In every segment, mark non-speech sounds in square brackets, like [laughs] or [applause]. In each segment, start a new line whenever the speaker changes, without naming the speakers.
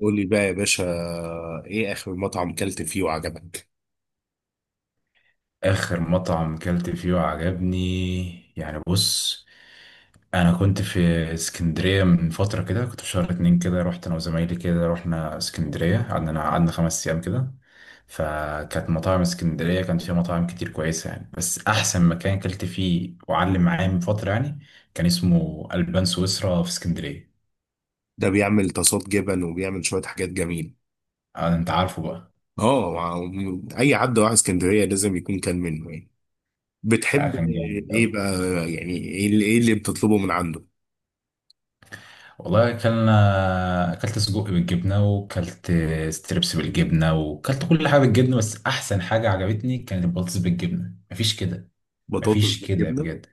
قولي بقى يا باشا، ايه اخر مطعم كلت فيه وعجبك؟
آخر مطعم كلت فيه وعجبني يعني بص. أنا كنت في اسكندرية من فترة كده، كنت في شهر اتنين كده. رحت أنا وزمايلي كده، رحنا اسكندرية قعدنا قعدنا 5 أيام كده. فكانت مطاعم اسكندرية كان فيها مطاعم كتير كويسة يعني، بس أحسن مكان كلت فيه وعلم معايا من فترة يعني كان اسمه ألبان سويسرا في اسكندرية.
ده بيعمل طاسات جبن وبيعمل شوية حاجات جميلة.
آه، أنت عارفه بقى.
اه، اي حد راح اسكندرية لازم يكون كان منه يعني.
آه،
بتحب
كان جامد
ايه
أوي.
بقى؟ يعني إيه اللي بتطلبه من عنده؟
والله اكلنا، اكلت سجق بالجبنه، وكلت ستريبس بالجبنه، وكلت كل حاجه بالجبنه، بس احسن حاجه عجبتني كانت البطاطس بالجبنه. مفيش كده،
بطاطس
مفيش كده
بالجبنة؟
بجد.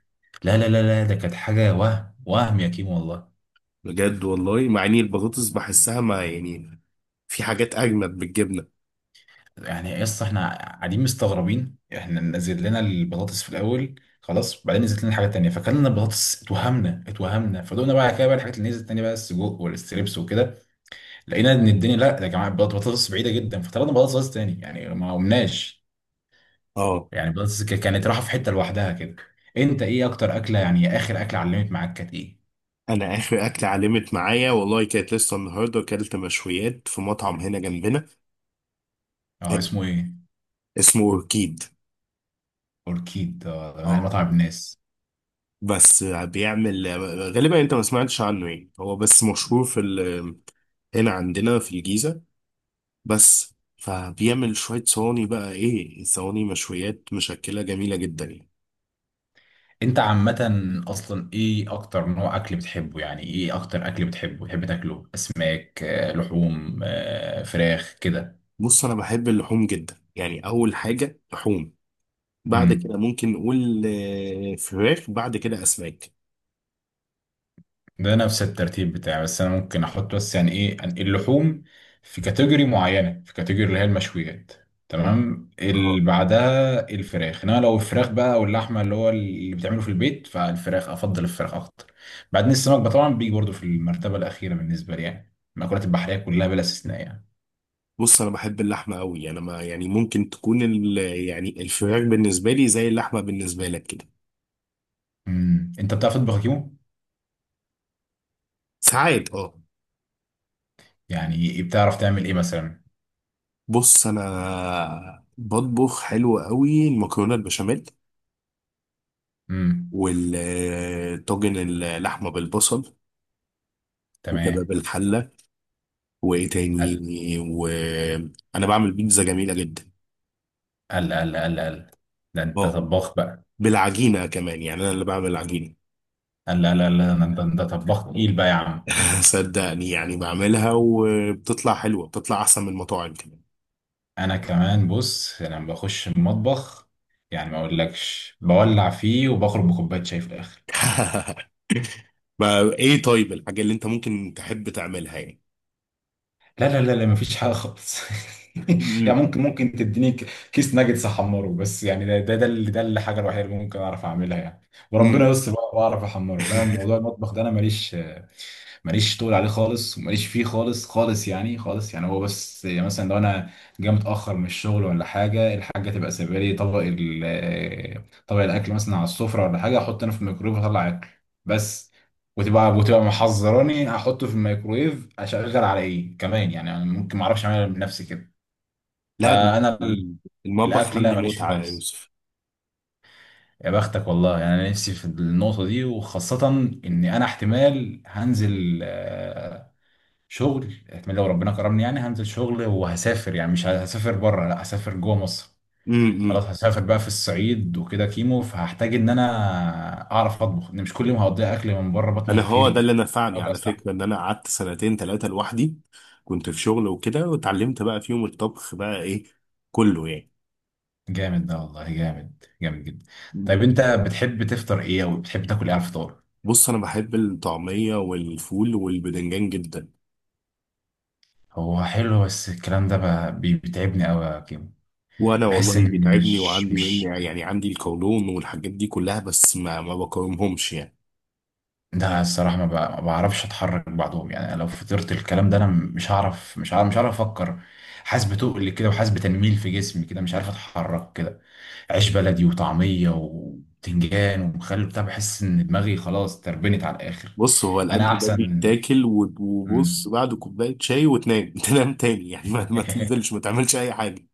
لا لا لا لا، ده كانت حاجه وهم وهم يا كيمو والله.
بجد والله، مع اني البطاطس بحسها ما يعني، في حاجات اجمد بالجبنة.
يعني اصلا احنا قاعدين مستغربين، احنا نزل لنا البطاطس في الاول خلاص، بعدين نزلت لنا حاجه تانية فكلنا البطاطس، اتوهمنا اتوهمنا، فدقنا بقى كده بقى الحاجات اللي نزلت تاني بقى السجق والستريبس وكده، لقينا ان الدنيا لا يا جماعه البطاطس بعيده جدا، فطلبنا بطاطس تاني يعني ما قمناش.
اه،
يعني بس كانت راحة في حتة لوحدها كده. انت ايه اكتر اكلة يعني اخر اكلة علمت معاك كانت ايه؟
انا اخر اكلة علمت معايا والله كانت لسه النهارده، اكلت مشويات في مطعم هنا جنبنا
اه اسمه ايه؟
اسمه اوركيد.
اوركيد، اه ده من
اه،
مطعم الناس.
بس بيعمل غالبا انت ما سمعتش عنه، يعني هو بس مشهور هنا عندنا في الجيزة. بس فبيعمل شوية صواني، بقى ايه، صواني مشويات مشكلة جميلة جدا يعني.
انت عامة اصلا ايه اكتر نوع اكل بتحبه، يعني ايه اكتر اكل بتحبه بتحب تاكله؟ اسماك، لحوم، فراخ كده؟
بص، انا بحب اللحوم جدا، يعني اول حاجة لحوم، بعد كده
امم،
ممكن نقول فراخ، بعد كده اسماك.
ده نفس الترتيب بتاعي، بس انا ممكن احط بس يعني ايه اللحوم في كاتيجوري معينه، في كاتيجوري اللي هي المشويات. تمام، اللي
اه.
بعدها الفراخ، انما لو الفراخ بقى او اللحمه اللي هو اللي بتعمله في البيت فالفراخ افضل، الفراخ اكتر. بعدين السمك بقى طبعا بيجي برضه في المرتبه الاخيره بالنسبه لي، يعني المأكولات البحريه كلها بلا استثناء يعني.
بص، انا بحب اللحمة قوي، انا ما يعني، ممكن تكون يعني الفراخ بالنسبة لي زي اللحمة بالنسبة لك كده.
امم، انت بتعرف تطبخ يا كيمو؟
ساعات اه.
يعني بتعرف تعمل ايه مثلا؟
بص، انا بطبخ حلو قوي، المكرونه البشاميل
امم.
والطاجن، اللحمه بالبصل،
تمام.
وكباب الحله، وايه تاني،
قال
وانا بعمل بيتزا جميله جدا.
قال قال قال قال، ده انت
اه،
طباخ بقى.
بالعجينه كمان، يعني انا اللي بعمل العجينه.
قال، لا لا لا، ده طباخ تقيل بقى يا عم.
[laughs] صدقني يعني، بعملها وبتطلع حلوه، بتطلع احسن من المطاعم كمان.
انا كمان بص لما بخش المطبخ يعني ما اقولكش بولع فيه وبخرج بكوبايه شاي في الاخر.
[laughs] ما ايه، طيب الحاجه اللي انت ممكن تحب تعملها يعني؟
لا لا لا لا، مفيش حاجه خالص. [laughs] يعني
امم،
ممكن تديني كيس ناجتس احمره بس. يعني ده الحاجه الوحيده اللي ممكن اعرف اعملها يعني، وربنا
أمم.
يستر بقى واعرف احمره. لا موضوع
[laughs]
المطبخ ده انا ماليش، ماليش طول عليه خالص، وماليش فيه خالص خالص يعني خالص. يعني هو بس يعني مثلا لو انا جاي متاخر من الشغل ولا حاجه، الحاجه تبقى سايبه لي طبق طبق الاكل مثلا على السفره ولا حاجه، احط انا في الميكرويف واطلع اكل بس. وتبقى محذراني هحطه في الميكرويف اشغل على ايه كمان. يعني انا ممكن ما اعرفش اعملها بنفسي كده.
لا، ده
فانا ال-
المطبخ
الاكل لا
عندي
ماليش فيه
متعه يا
خالص.
يوسف.
يا بختك والله، يعني انا نفسي في النقطه دي، وخاصه ان انا احتمال هنزل شغل، احتمال لو ربنا كرمني يعني هنزل شغل وهسافر، يعني مش هسافر بره لا، هسافر جوه مصر. خلاص
امم
هسافر بقى في الصعيد وكده كيمو، فهحتاج ان انا اعرف اطبخ، ان مش كل يوم هقضيها اكل من بره، بطني
انا هو ده
هتتهري،
اللي نفعني
اقدر
على
استحمل.
فكره، ان انا قعدت سنتين ثلاثه لوحدي، كنت في شغل وكده، واتعلمت بقى فيهم الطبخ بقى ايه كله يعني.
جامد ده والله، جامد جامد جدا.
مم.
طيب انت بتحب تفطر ايه او بتحب تاكل ايه على الفطار؟
بص، انا بحب الطعميه والفول والبدنجان جدا.
هو حلو بس الكلام ده بيتعبني قوي يا كيمو.
وانا والله
بحس اني
بيتعبني،
مش
وعندي من
مش
يعني عندي القولون والحاجات دي كلها، بس ما بقاومهمش يعني.
ده الصراحه ما بعرفش اتحرك بعدهم، يعني لو فطرت الكلام ده انا مش هعرف مش هعرف مش هعرف افكر، حاسس بتقل كده وحاسس بتنميل في جسمي كده مش عارف اتحرك كده. عيش بلدي وطعميه وبتنجان ومخلل بتاع، بحس ان دماغي خلاص تربنت على الاخر.
بص، هو
انا
الاكل ده
احسن.
بيتاكل و- وبص،
مم.
بعد كوبايه شاي وتنام. [laughs] تنام تاني يعني، ما
[laughs]
تنزلش، ما تعملش اي حاجه.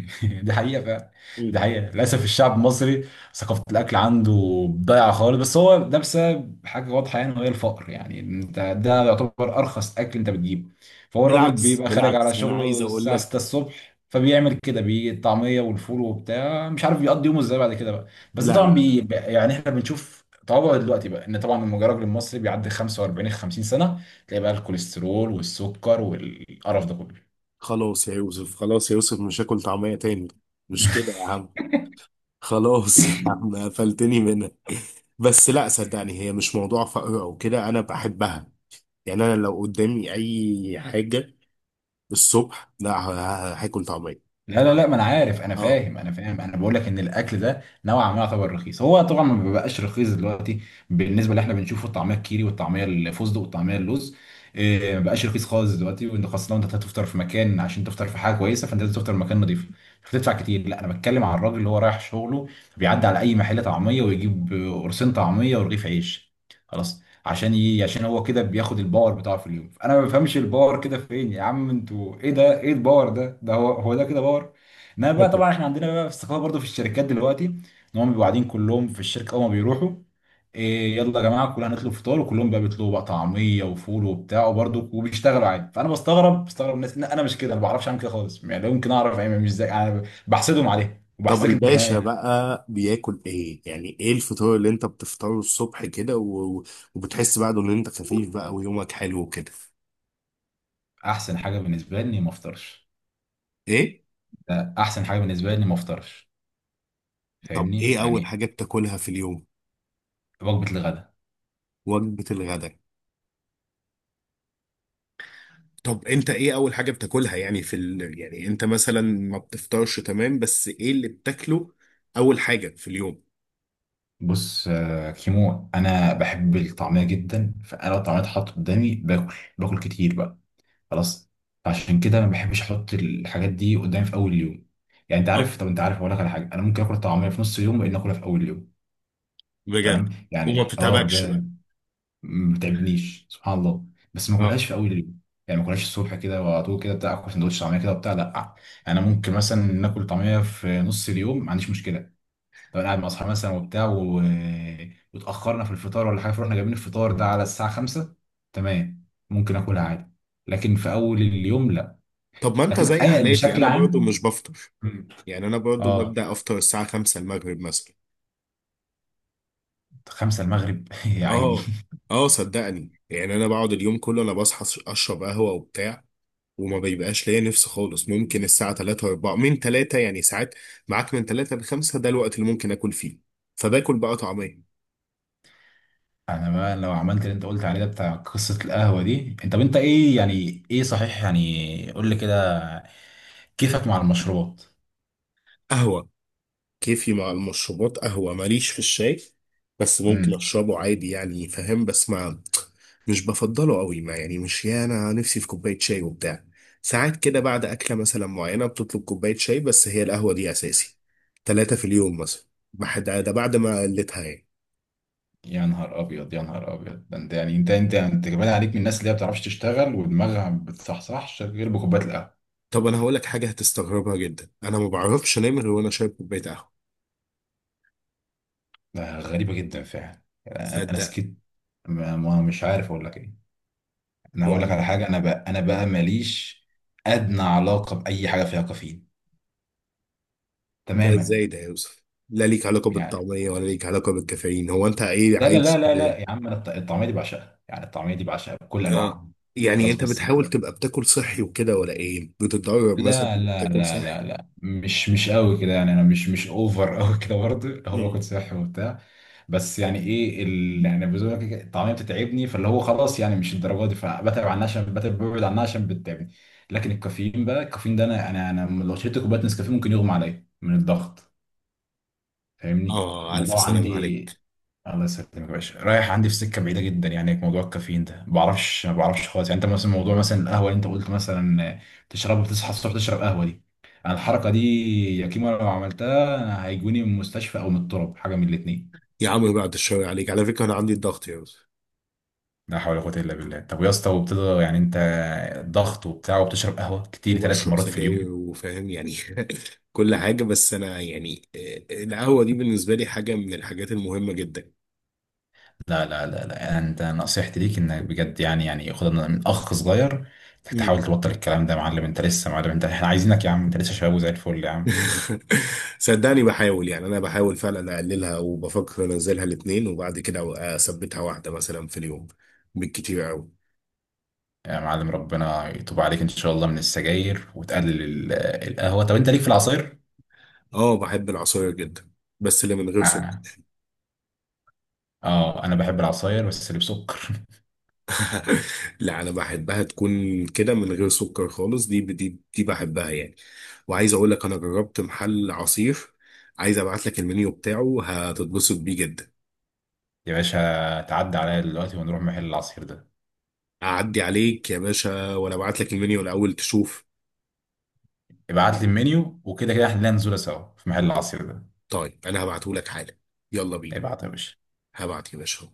[laughs] دي حقيقة فعلا. دي
مم.
حقيقة للأسف الشعب المصري ثقافة الأكل عنده ضايعة خالص، بس هو ده بسبب حاجة واضحة يعني وهي الفقر، يعني أنت ده يعتبر أرخص أكل أنت بتجيبه. فهو الراجل
بالعكس،
بيبقى خارج على
بالعكس، انا عايز
شغله
اقول
الساعة
لك.
6 الصبح، فبيعمل كده بيجي الطعمية والفول وبتاع، مش عارف بيقضي يومه إزاي بعد كده بقى. بس
لا،
طبعا
لا.
يعني إحنا بنشوف طبعا دلوقتي بقى ان طبعا لما الراجل المصري بيعدي 45 50 سنة تلاقي بقى الكوليسترول والسكر والقرف ده كله.
خلاص يا يوسف، خلاص يا يوسف، مش هاكل طعمية تاني. مش كده يا عم. خلاص. [laughs] يا عم
[laughs]
قفلتني منها. بس لا، صدقني، هي مش موضوع فقر او كده، انا بحبها. يعني انا لو قدامي اي حاجة الصبح، لا، هاكل طعمية.
لا لا لا، ما انا عارف، انا
اه.
فاهم، انا فاهم، انا بقول لك ان الاكل ده نوعا ما يعتبر رخيص، هو طبعا ما بيبقاش رخيص دلوقتي بالنسبه اللي احنا بنشوفه، الطعميه الكيري والطعميه الفستق والطعميه اللوز إيه، ما بقاش رخيص خالص دلوقتي. وانت خاصه لو انت هتفطر في مكان، عشان تفطر في حاجه كويسه فانت لازم تفطر في مكان نظيف، مش هتدفع كتير. لا انا بتكلم على الراجل اللي هو رايح شغله بيعدي على اي محل طعميه ويجيب قرصين طعميه ورغيف عيش خلاص. عشان ايه؟ عشان هو كده بياخد الباور بتاعه في اليوم. انا ما بفهمش الباور كده فين يا عم، انتوا ايه ده ايه الباور ده، ده هو ده كده باور. انما بقى طبعا
[laughs]
احنا عندنا بقى في الثقافه برضو في الشركات دلوقتي، ان هم بيبقوا قاعدين كلهم في الشركه اول ما بيروحوا إيه، يلا يا جماعه كلنا هنطلب فطار، وكلهم بقى بيطلبوا بقى طعميه وفول وبتاع، وبرضو وبيشتغلوا عادي. فانا بستغرب، بستغرب الناس، لا انا مش كده انا ما بعرفش اعمل كده خالص يعني، لو يمكن اعرف يعني مش زي، انا بحسدهم عليه
طب
وبحسدك انت كمان
الباشا
يعني.
بقى بياكل ايه؟ يعني ايه الفطار اللي انت بتفطره الصبح كده و... وبتحس بعده ان انت خفيف بقى ويومك حلو كده؟
احسن حاجه بالنسبه لي اني ما افطرش.
ايه.
ده احسن حاجه بالنسبه لي اني ما افطرش،
طب
فاهمني
ايه اول
يعني.
حاجة بتاكلها في اليوم؟
وجبة الغداء.
وجبة الغداء؟ طب انت ايه اول حاجة بتاكلها يعني يعني انت مثلا ما بتفطرش تمام، بس ايه اللي بتاكله اول حاجة في اليوم؟
بص كيمو انا بحب الطعمية جدا، فانا لو الطعمية اتحط قدامي باكل باكل كتير بقى خلاص. عشان كده ما بحبش احط الحاجات دي قدامي في اول اليوم. يعني انت
اه،
عارف، طب انت عارف اقول لك على حاجة، انا ممكن اكل الطعمية في نص اليوم وان اكلها في اول اليوم.
بجد؟
تمام
وما
يعني اه
بتتعبكش بقى؟
بجد. ما بتعبنيش سبحان الله، بس ما
اه.
اكلهاش في اول اليوم. يعني ما اكلهاش الصبح كده وعلى طول كده بتاع، اكل سندوتش طعمية كده وبتاع لا. انا ممكن مثلا ناكل طعمية في نص اليوم ما عنديش مشكلة، لو انا قاعد مع اصحابي مثلا وبتاع و... واتاخرنا في الفطار ولا حاجه، فرحنا جايبين الفطار ده على الساعه 5. تمام ممكن اكلها عادي، لكن في اول اليوم لا.
طب ما انت
لكن
زي
اي
حالاتي،
بشكل
انا برضو
عام.
مش بفطر.
مم.
يعني انا برضو
اه
ببدأ افطر الساعة 5 المغرب مثلا.
5 المغرب [laughs] يا عيني.
اه، اه، صدقني يعني، انا بقعد اليوم كله، انا بصحى اشرب قهوة وبتاع، وما بيبقاش ليا نفس خالص، ممكن الساعة 3 و4، من 3 يعني ساعات، معاك من 3 ل 5 ده الوقت اللي ممكن اكل فيه. فباكل بقى طعمية.
انا بقى لو عملت اللي انت قلت عليه ده بتاع قصة القهوة دي، انت طب انت ايه، يعني ايه صحيح يعني، قول لي كده كيفك مع المشروبات.
قهوة. كيفي مع المشروبات قهوة، ماليش في الشاي، بس ممكن أشربه عادي يعني، فاهم، بس ما، مش بفضله قوي، ما يعني، مش يا أنا نفسي في كوباية شاي وبتاع. ساعات كده بعد أكلة مثلا معينة بتطلب كوباية شاي، بس هي القهوة دي أساسي، ثلاثة في اليوم مثلا. ده بعد ما قلتها يعني.
يا نهار ابيض، يا نهار ابيض، ده انت يعني انت يعني انت كمان عليك من الناس اللي هي ما بتعرفش تشتغل، ودماغها ما بتصحصحش غير بكوبايه القهوه.
طب أنا هقولك حاجة هتستغربها جدا، أنا ما بعرفش أنام غير وأنا شارب كوباية قهوة.
ده غريبه جدا فعلا يعني. انا
صدق.
سكت، مش عارف اقول لك ايه. انا هقول لك
يعني
على حاجه، انا بقى ماليش ادنى علاقه باي حاجه فيها كافيين،
ده
تماما.
إزاي ده يا يوسف؟ لا ليك علاقة
يعني
بالطعمية ولا ليك علاقة بالكافيين، هو أنت إيه
لا لا لا
عايش؟
لا لا يا عم، انا الطعميه دي بعشقها، يعني الطعميه دي بعشقها بكل
اه.
انواعها.
يعني
خلاص
انت
بس
بتحاول تبقى بتاكل صحي وكده ولا ايه؟ بتتدرب مثلا،
لا لا
بتاكل
لا
صحي؟
لا لا، مش قوي كده، يعني انا مش مش اوفر [laughs] قوي كده برضه، هو
مم.
باكل صحي وبتاع بس. يعني ايه اللي يعني بزوجك الطعميه بتتعبني، فاللي هو خلاص يعني مش الدرجه دي، فبتعب عنها عشان بتعب، ببعد عنها عشان بتتعبني. لكن الكافيين بقى الكافيين ده، انا لو شربت كوبايه نسكافيه ممكن يغمى عليا من الضغط، فاهمني
اه، الف
الموضوع
سلام
عندي.
عليك.
الله يسلمك يا باشا، رايح عندي في سكه بعيده جدا يعني، موضوع الكافيين ده ما بعرفش خالص. يعني انت مثلا موضوع مثلا القهوه اللي انت قلت مثلا تشرب وتصحى الصبح تشرب قهوه دي، انا الحركه دي يا كيمو لو عملتها أنا هيجوني من المستشفى او من الطرب، حاجه من الاثنين.
يا عم بعد الشر عليك، على فكره انا عندي الضغط يا أستاذ.
لا حول ولا قوه الا بالله. طب يا اسطى، وبتقدر يعني انت ضغط وبتاع وبتشرب قهوه كتير ثلاث
وبشرب
مرات في اليوم؟
سجاير وفاهم يعني. [laughs] كل حاجه، بس انا يعني القهوه دي بالنسبه لي حاجه من الحاجات المهمه جدا.
لا لا لا لا، يعني انت نصيحتي ليك انك بجد يعني، يعني خدها من اخ صغير، انك
مم.
تحاول تبطل الكلام ده يا معلم، انت لسه يا معلم، انت احنا عايزينك يا عم انت لسه شباب وزي الفل يا عم.
[laughs] صدقني بحاول، يعني انا بحاول فعلا اقللها، وبفكر انزلها الاتنين، وبعد كده اثبتها واحده مثلا في اليوم بالكتير قوي.
يا معلم ربنا يتوب عليك ان شاء الله من السجاير، وتقلل القهوه. طب انت ليك في العصاير؟
اه، بحب العصاير جدا، بس اللي من غير سكر.
اه. انا بحب العصاير بس اللي بسكر.
[laughs] لا، انا بحبها تكون كده من غير سكر خالص، دي بحبها يعني. وعايز اقول لك، انا جربت محل عصير، عايز ابعت لك المنيو بتاعه هتتبسط بيه جدا.
[laughs] يا باشا تعدي عليا دلوقتي ونروح محل العصير ده.
اعدي عليك يا باشا، ولا ابعت لك المنيو الاول تشوف؟
ابعت لي المنيو وكده كده احنا لنا نزوله سوا في محل العصير ده.
طيب انا هبعته لك حالا. يلا بينا.
ابعت يا باشا.
هبعت يا باشا.